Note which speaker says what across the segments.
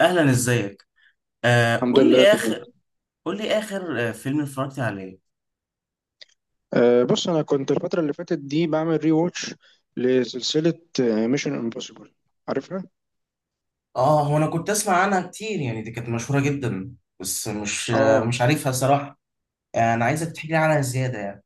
Speaker 1: اهلا، ازيك؟
Speaker 2: الحمد
Speaker 1: قول
Speaker 2: لله
Speaker 1: لي اخر.
Speaker 2: تمام.
Speaker 1: قول لي اخر فيلم اتفرجت عليه.
Speaker 2: بص، انا كنت الفتره اللي فاتت دي بعمل ري واتش لسلسله ميشن امبوسيبل، عارفها؟
Speaker 1: اه، هو انا كنت اسمع عنها كتير، يعني دي كانت مشهورة جدا، بس مش آه،
Speaker 2: اه
Speaker 1: مش عارفها صراحة. انا عايزك تحكي لي عنها زيادة يعني.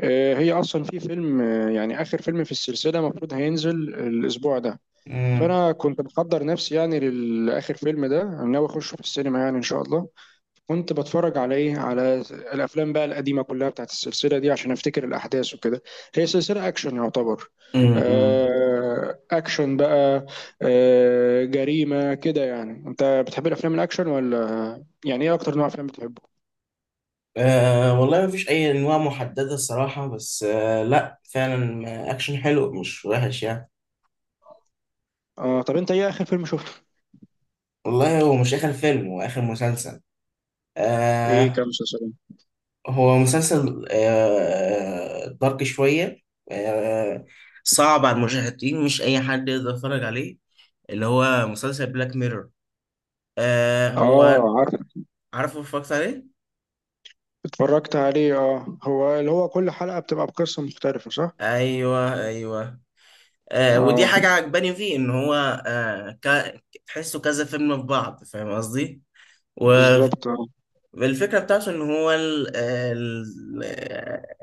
Speaker 2: هي اصلا في فيلم، يعني اخر فيلم في السلسله المفروض هينزل الاسبوع ده.
Speaker 1: امم.
Speaker 2: فانا كنت بحضر نفسي يعني للاخر فيلم ده، انا ناوي اخش في السينما يعني ان شاء الله. كنت بتفرج على ايه، على الافلام بقى القديمه كلها بتاعت السلسله دي عشان افتكر الاحداث وكده. هي سلسله اكشن يعتبر.
Speaker 1: امم.
Speaker 2: اكشن بقى. جريمه كده. يعني انت بتحب الافلام الاكشن ولا؟ يعني ايه اكتر نوع افلام بتحبه؟
Speaker 1: والله مفيش اي انواع محددة الصراحة، بس لا فعلا، اكشن حلو، مش وحش يعني.
Speaker 2: اه، طب انت ايه اخر فيلم شفته؟
Speaker 1: والله هو مش اخر فيلم، هو اخر مسلسل.
Speaker 2: ايه، كام
Speaker 1: آه.
Speaker 2: مسلسل؟
Speaker 1: هو مسلسل دارك شوية. آه. صعب على المشاهدين، مش أي حد يقدر يتفرج عليه. اللي هو مسلسل بلاك ميرور. آه،
Speaker 2: اه،
Speaker 1: هو.
Speaker 2: عارف.
Speaker 1: عارفه اتفرجت عليه؟
Speaker 2: اتفرجت عليه؟ اه، هو اللي هو كل حلقه بتبقى بقصه مختلفه، صح؟
Speaker 1: أيوه، أيوه. ودي
Speaker 2: اه،
Speaker 1: حاجة عجباني فيه إن هو تحسه كذا فيلم في بعض، فاهم قصدي؟ و...
Speaker 2: بالظبط، اه
Speaker 1: الفكرة بتاعته إن هو ال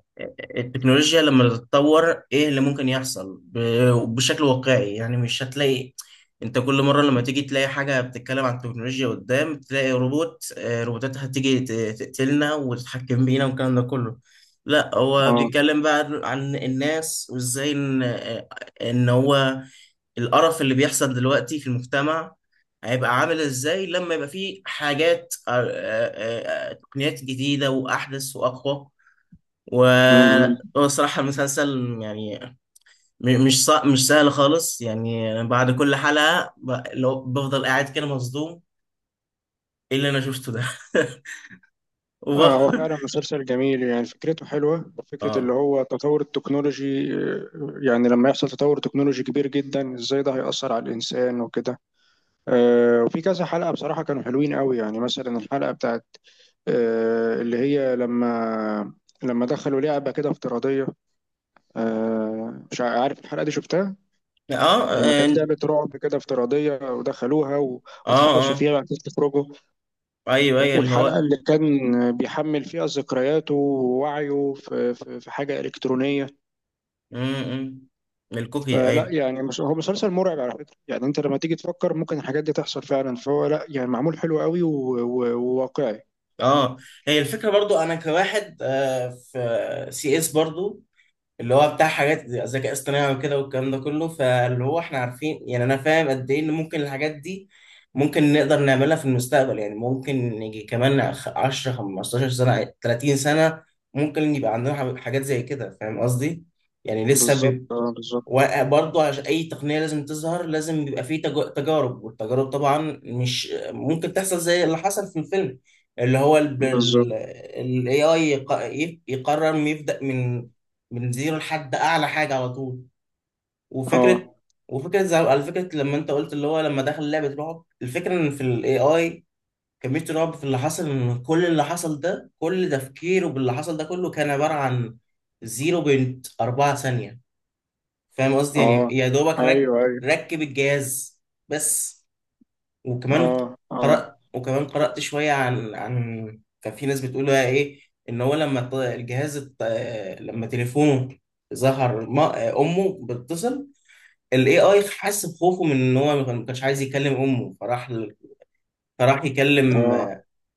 Speaker 1: التكنولوجيا لما تتطور، إيه اللي ممكن يحصل بشكل واقعي؟ يعني مش هتلاقي أنت كل مرة لما تيجي تلاقي حاجة بتتكلم عن التكنولوجيا قدام، تلاقي روبوت، روبوتات هتيجي تقتلنا وتتحكم بينا والكلام ده كله. لا، هو بيتكلم بقى عن الناس وإزاي إن إن هو القرف اللي بيحصل دلوقتي في المجتمع هيبقى عامل ازاي لما يبقى فيه حاجات تقنيات جديدة وأحدث وأقوى.
Speaker 2: اه.
Speaker 1: وصراحة المسلسل يعني مش سهل خالص. يعني أنا بعد كل حلقة لو بفضل قاعد كده مصدوم، ايه اللي انا شفته ده؟
Speaker 2: هو
Speaker 1: وبخ...
Speaker 2: فعلا مسلسل جميل، يعني فكرته حلوة، فكرة
Speaker 1: اه،
Speaker 2: اللي هو تطور التكنولوجي. يعني لما يحصل تطور تكنولوجي كبير جدا، ازاي ده هيأثر على الإنسان وكده. وفي كذا حلقة بصراحة كانوا حلوين قوي، يعني مثلا الحلقة بتاعت اللي هي لما دخلوا لعبة كده افتراضية. مش عارف الحلقة دي شفتها؟
Speaker 1: اه،
Speaker 2: لما
Speaker 1: اه،
Speaker 2: كانت لعبة رعب كده افتراضية ودخلوها
Speaker 1: اه.
Speaker 2: واتحبسوا فيها وبعد كده تخرجوا.
Speaker 1: ايوه، ايوه، اللي
Speaker 2: والحلقة
Speaker 1: هو
Speaker 2: اللي كان بيحمل فيها ذكرياته ووعيه في حاجة إلكترونية.
Speaker 1: م- م. الكوكي،
Speaker 2: فلا
Speaker 1: ايوه.
Speaker 2: يعني، هو مسلسل مرعب على فكرة، يعني أنت لما تيجي تفكر ممكن الحاجات دي تحصل فعلا، فهو لا يعني معمول حلو قوي و- و- وواقعي.
Speaker 1: اه، هي الفكره برضو، انا كواحد في سي اس برضو، اللي هو بتاع حاجات ذكاء اصطناعي وكده والكلام ده كله. فاللي هو احنا عارفين، يعني انا فاهم قد ايه ان ممكن الحاجات دي ممكن نقدر نعملها في المستقبل. يعني ممكن نيجي كمان 10 15 سنه، 30 سنه، ممكن يبقى عندنا حاجات زي كده، فاهم قصدي؟ يعني لسه.
Speaker 2: بالظبط، اه، بالظبط
Speaker 1: وبرضه عشان اي تقنيه لازم تظهر، لازم بيبقى فيه تجارب، والتجارب طبعا مش ممكن تحصل زي اللي حصل في الفيلم، اللي هو ال
Speaker 2: بالظبط.
Speaker 1: AI يقرر إنه يبدأ من زيرو لحد اعلى حاجه على طول. وفكره،
Speaker 2: اه
Speaker 1: وفكره زي، على فكره لما انت قلت اللي هو لما دخل لعبه رعب، الفكره ان في ال AI كميه رعب في اللي حصل، ان كل اللي حصل ده، كل تفكيره باللي حصل ده كله، كان عباره عن 0.4 ثانيه. فاهم قصدي؟ يعني
Speaker 2: اه،
Speaker 1: يا دوبك رك،
Speaker 2: ايوه ايوه،
Speaker 1: ركب الجهاز بس. وكمان
Speaker 2: اه اه
Speaker 1: قرأت، وكمان قرأت شوية عن كان في ناس بتقول بقى ايه، ان هو لما لما تليفونه ظهر ما امه بتتصل، الاي اي حس بخوفه من ان هو ما كانش عايز يكلم امه، فراح ل- فراح يكلم
Speaker 2: اه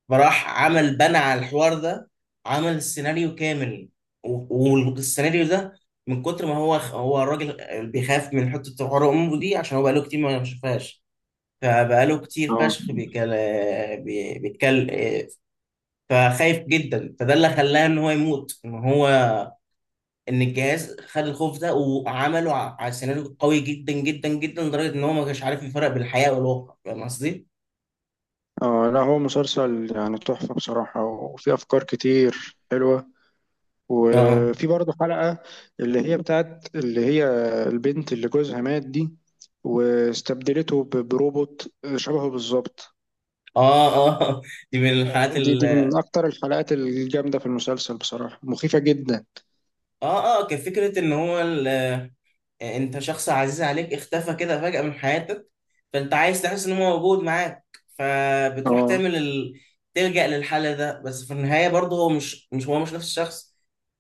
Speaker 1: فراح عمل، بنى على الحوار ده، عمل سيناريو كامل. والسيناريو ده من كتر ما هو الراجل بيخاف من حتة حوار أمه دي، عشان هو بقاله كتير ما شافهاش، فبقاله كتير
Speaker 2: اه
Speaker 1: فشخ بيتكلم، بيتكلم، فخايف جدا. فده اللي خلاه ان هو يموت، ان هو، ان الجهاز خد الخوف ده وعمله على سيناريو قوي جدا جدا جدا، لدرجة ان هو ما كانش عارف يفرق بين الحقيقة والواقع، فاهم قصدي؟
Speaker 2: اه. لا، هو مسلسل يعني تحفة بصراحة، وفيه أفكار كتير حلوة.
Speaker 1: اه،
Speaker 2: وفي برضه حلقة، اللي هي بتاعت اللي هي البنت اللي جوزها مات دي، واستبدلته بروبوت شبهه بالظبط.
Speaker 1: اه. اه. دي من الحالات.
Speaker 2: دي من أكتر الحلقات الجامدة في المسلسل بصراحة، مخيفة جدا.
Speaker 1: اه، اه، كفكرة ان هو ال... انت شخص عزيز عليك اختفى كده فجأة من حياتك، فانت عايز تحس ان هو موجود معاك، فبتروح
Speaker 2: اه،
Speaker 1: تعمل ال... تلجأ للحل ده، بس في النهاية برضه هو مش، مش هو، مش نفس الشخص.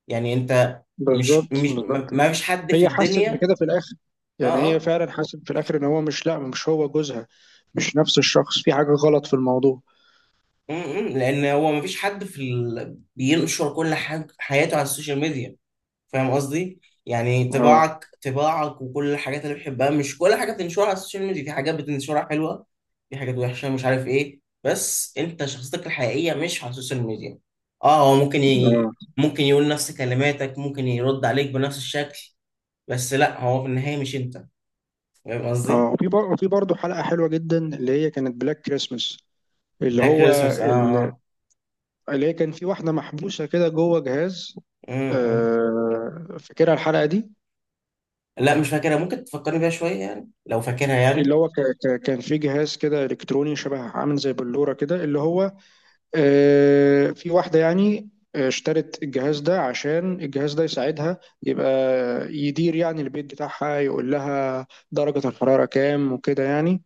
Speaker 1: يعني انت، مش
Speaker 2: بالظبط
Speaker 1: مش ما
Speaker 2: بالظبط.
Speaker 1: ما فيش حد في
Speaker 2: هي حست
Speaker 1: الدنيا.
Speaker 2: بكده في الآخر، يعني
Speaker 1: اه،
Speaker 2: هي
Speaker 1: اه.
Speaker 2: فعلا حست في الآخر إن هو مش، لأ مش هو جوزها، مش نفس الشخص، في حاجة غلط في الموضوع.
Speaker 1: م- م، لان هو ما فيش حد في ال... بينشر كل حاجة حياته على السوشيال ميديا، فاهم قصدي؟ يعني
Speaker 2: اه
Speaker 1: طباعك، طباعك وكل الحاجات اللي بتحبها، مش كل حاجه بتنشرها على السوشيال ميديا. في حاجات بتنشرها حلوه، في حاجات وحشه، مش عارف ايه، بس انت شخصيتك الحقيقيه مش على السوشيال ميديا. اه، هو ممكن ي...
Speaker 2: اه
Speaker 1: ممكن يقول نفس كلماتك، ممكن يرد عليك بنفس الشكل، بس لا، هو في النهايه مش انت، فاهم
Speaker 2: اه.
Speaker 1: قصدي؟
Speaker 2: وفي برضه حلقة حلوة جدا اللي هي كانت بلاك كريسمس. اللي
Speaker 1: بلاك
Speaker 2: هو
Speaker 1: كريسمس، اه. آه.
Speaker 2: اللي هي كان في واحدة محبوسة كده جوه جهاز،
Speaker 1: آه. م.
Speaker 2: فاكرها الحلقة دي؟
Speaker 1: لا، مش فاكرها، ممكن تفكرني بيها شويه يعني لو فاكرها
Speaker 2: اللي
Speaker 1: يعني.
Speaker 2: هو كان في جهاز كده إلكتروني شبه عامل زي بلورة كده، اللي هو في واحدة يعني اشترت الجهاز ده عشان الجهاز ده يساعدها، يبقى يدير يعني البيت بتاعها، يقول لها درجة الحرارة كام وكده يعني.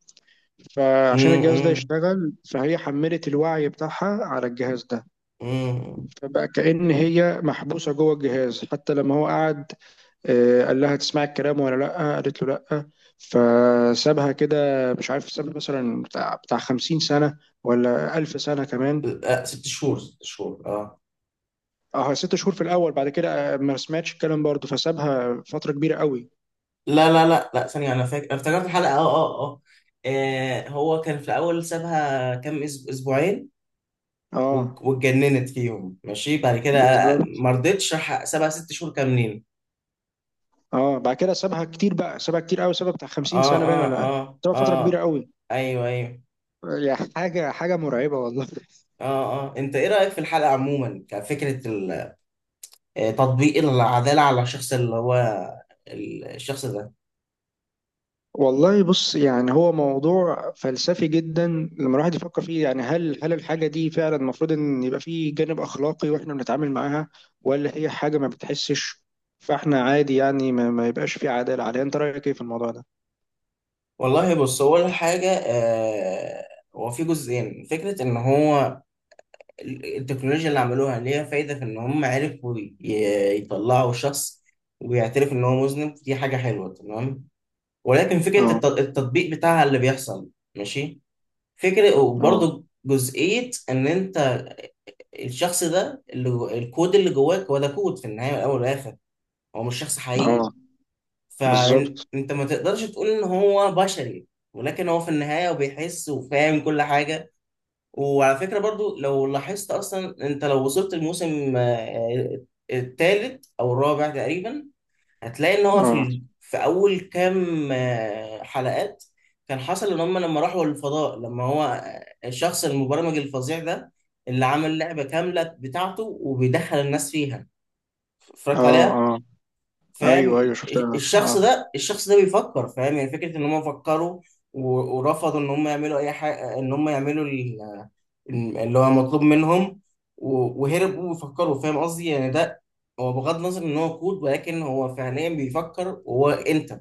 Speaker 2: فعشان الجهاز ده
Speaker 1: امم.
Speaker 2: يشتغل فهي حملت الوعي بتاعها على الجهاز ده.
Speaker 1: امم.
Speaker 2: فبقى كأن هي محبوسة جوه الجهاز. حتى لما هو قعد قال لها تسمعي الكلام ولا لأ، قالت له لأ، فسابها كده مش عارف ساب مثلا بتاع 50 سنة ولا 1000 سنة كمان.
Speaker 1: ست شهور، ست شهور، اه.
Speaker 2: اه، ست شهور في الأول، بعد كده ما سمعتش الكلام برضه فسابها فترة كبيرة قوي.
Speaker 1: لا لا لا لا، ثانية، أنا فاكر، أنا افتكرت الحلقة. أه، أه، أه، هو كان في الأول سابها كام، أسبوعين،
Speaker 2: اه،
Speaker 1: واتجننت فيهم، ماشي، بعد كده
Speaker 2: بالظبط.
Speaker 1: ما رضتش، راح سابها ست شهور كاملين.
Speaker 2: اه، بعد كده سابها كتير بقى، سابها كتير قوي، سابها بتاع 50
Speaker 1: أه،
Speaker 2: سنة باين
Speaker 1: أه،
Speaker 2: ولا.
Speaker 1: أه،
Speaker 2: سابها فترة كبيرة
Speaker 1: أه،
Speaker 2: قوي.
Speaker 1: أيوه، أيوه،
Speaker 2: يا حاجة، حاجة مرعبة والله.
Speaker 1: أه، أه. أنت إيه رأيك في الحلقة عموما؟ كفكرة تطبيق العدالة على الشخص اللي هو الشخص ده.
Speaker 2: والله بص، يعني هو موضوع فلسفي جدا لما الواحد يفكر فيه. يعني هل الحاجة دي فعلا المفروض ان يبقى فيه جانب اخلاقي واحنا بنتعامل معاها؟ ولا هي حاجة ما بتحسش فاحنا عادي يعني ما يبقاش فيه عدالة عليها؟ انت رأيك ايه في الموضوع ده؟
Speaker 1: والله بص، هو أول حاجة، هو في جزئين. فكرة إن هو التكنولوجيا اللي عملوها ليها فايدة في إن هم عرفوا يطلعوا شخص ويعترف إن هو مذنب، دي حاجة حلوة تمام، ولكن فكرة
Speaker 2: اه
Speaker 1: التطبيق بتاعها اللي بيحصل، ماشي. فكرة،
Speaker 2: اه
Speaker 1: وبرضه جزئية إن أنت، الشخص ده اللي الكود اللي جواك، هو ده كود في النهاية والأول والآخر، هو مش شخص حقيقي،
Speaker 2: اه، بالظبط.
Speaker 1: فأنت ما تقدرش تقول إن هو بشري، ولكن هو في النهاية وبيحس وفاهم كل حاجة. وعلى فكرة برضو لو لاحظت أصلا، أنت لو وصلت الموسم الثالث أو الرابع تقريبا، هتلاقي إن هو في
Speaker 2: اه
Speaker 1: ال... في أول كام حلقات، كان حصل إن هم لما راحوا الفضاء، لما هو، الشخص المبرمج الفظيع ده، اللي عمل لعبة كاملة بتاعته وبيدخل الناس فيها، اتفرجت
Speaker 2: اه
Speaker 1: عليها؟
Speaker 2: اه، ايوه ايوه
Speaker 1: فاهم.
Speaker 2: شفتها
Speaker 1: الشخص
Speaker 2: اه.
Speaker 1: ده، الشخص ده بيفكر، فاهم يعني؟ فكرة ان هم فكروا ورفضوا ان هم يعملوا اي حاجة، ان هم يعملوا اللي هو مطلوب منهم، وهربوا وفكروا، فاهم قصدي؟ يعني ده، هو بغض النظر ان هو كود، ولكن هو فعليا بيفكر وهو انت.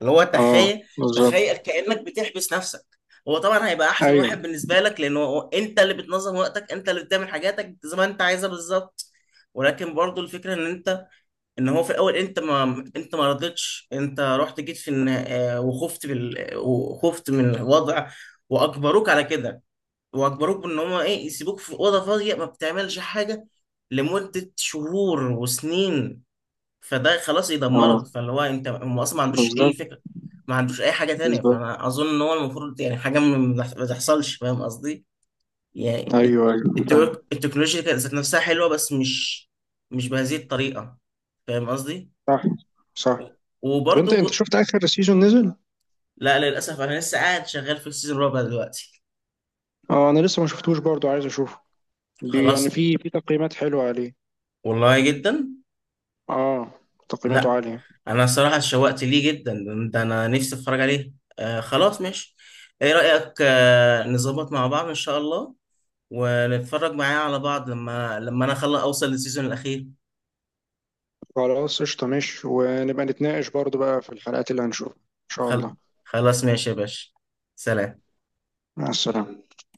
Speaker 1: اللي هو
Speaker 2: اه،
Speaker 1: تخيل،
Speaker 2: بالظبط.
Speaker 1: تخيل كأنك بتحبس نفسك، هو طبعا هيبقى احسن
Speaker 2: ايوه،
Speaker 1: واحد بالنسبة لك، لان هو انت اللي بتنظم وقتك، انت اللي بتعمل حاجاتك زي ما انت عايزها بالظبط، ولكن برضو الفكرة ان انت، ان هو في الاول انت ما رضيتش، انت رحت، جيت في النها-، وخفت بال...، وخفت من الوضع، واجبروك على كده، واجبروك ان هم ايه، يسيبوك في اوضه فاضيه ما بتعملش حاجه لمده شهور وسنين، فده خلاص
Speaker 2: اه،
Speaker 1: يدمرك. فاللي هو انت، هم اصلا ما عندوش اي
Speaker 2: بالظبط
Speaker 1: فكره، ما عندوش اي حاجه تانية،
Speaker 2: بالظبط.
Speaker 1: فانا اظن ان هو المفروض يعني حاجه ما، ما تحصلش، فاهم قصدي؟ يعني
Speaker 2: ايوه ايوه فاهم.
Speaker 1: التكنولوجيا كانت ذات نفسها حلوه، بس مش بهذه الطريقه، فاهم قصدي؟
Speaker 2: صح صح. طب انت، انت
Speaker 1: وبرضه،
Speaker 2: شفت اخر سيزون نزل؟
Speaker 1: لا للاسف، انا لسه قاعد شغال في السيزون الرابع دلوقتي.
Speaker 2: اه، انا لسه ما شفتوش برضو، عايز اشوفه. بي يعني،
Speaker 1: خلاص.
Speaker 2: في تقييمات حلوة عليه.
Speaker 1: والله جدا.
Speaker 2: اه، تقييماته
Speaker 1: لا،
Speaker 2: عالية.
Speaker 1: انا الصراحه اتشوقت ليه جدا، ده انا نفسي اتفرج عليه. آه، خلاص ماشي. ايه رايك نظبط مع بعض ان شاء الله، ونتفرج معايا على بعض، لما، لما انا خلاص اوصل للسيزون الاخير.
Speaker 2: خلاص، قشطة، ماشي، ونبقى نتناقش برضو بقى في الحلقات اللي هنشوفها ان شاء
Speaker 1: خل...
Speaker 2: الله.
Speaker 1: خلاص ماشي يا باشا، سلام.
Speaker 2: مع السلامة.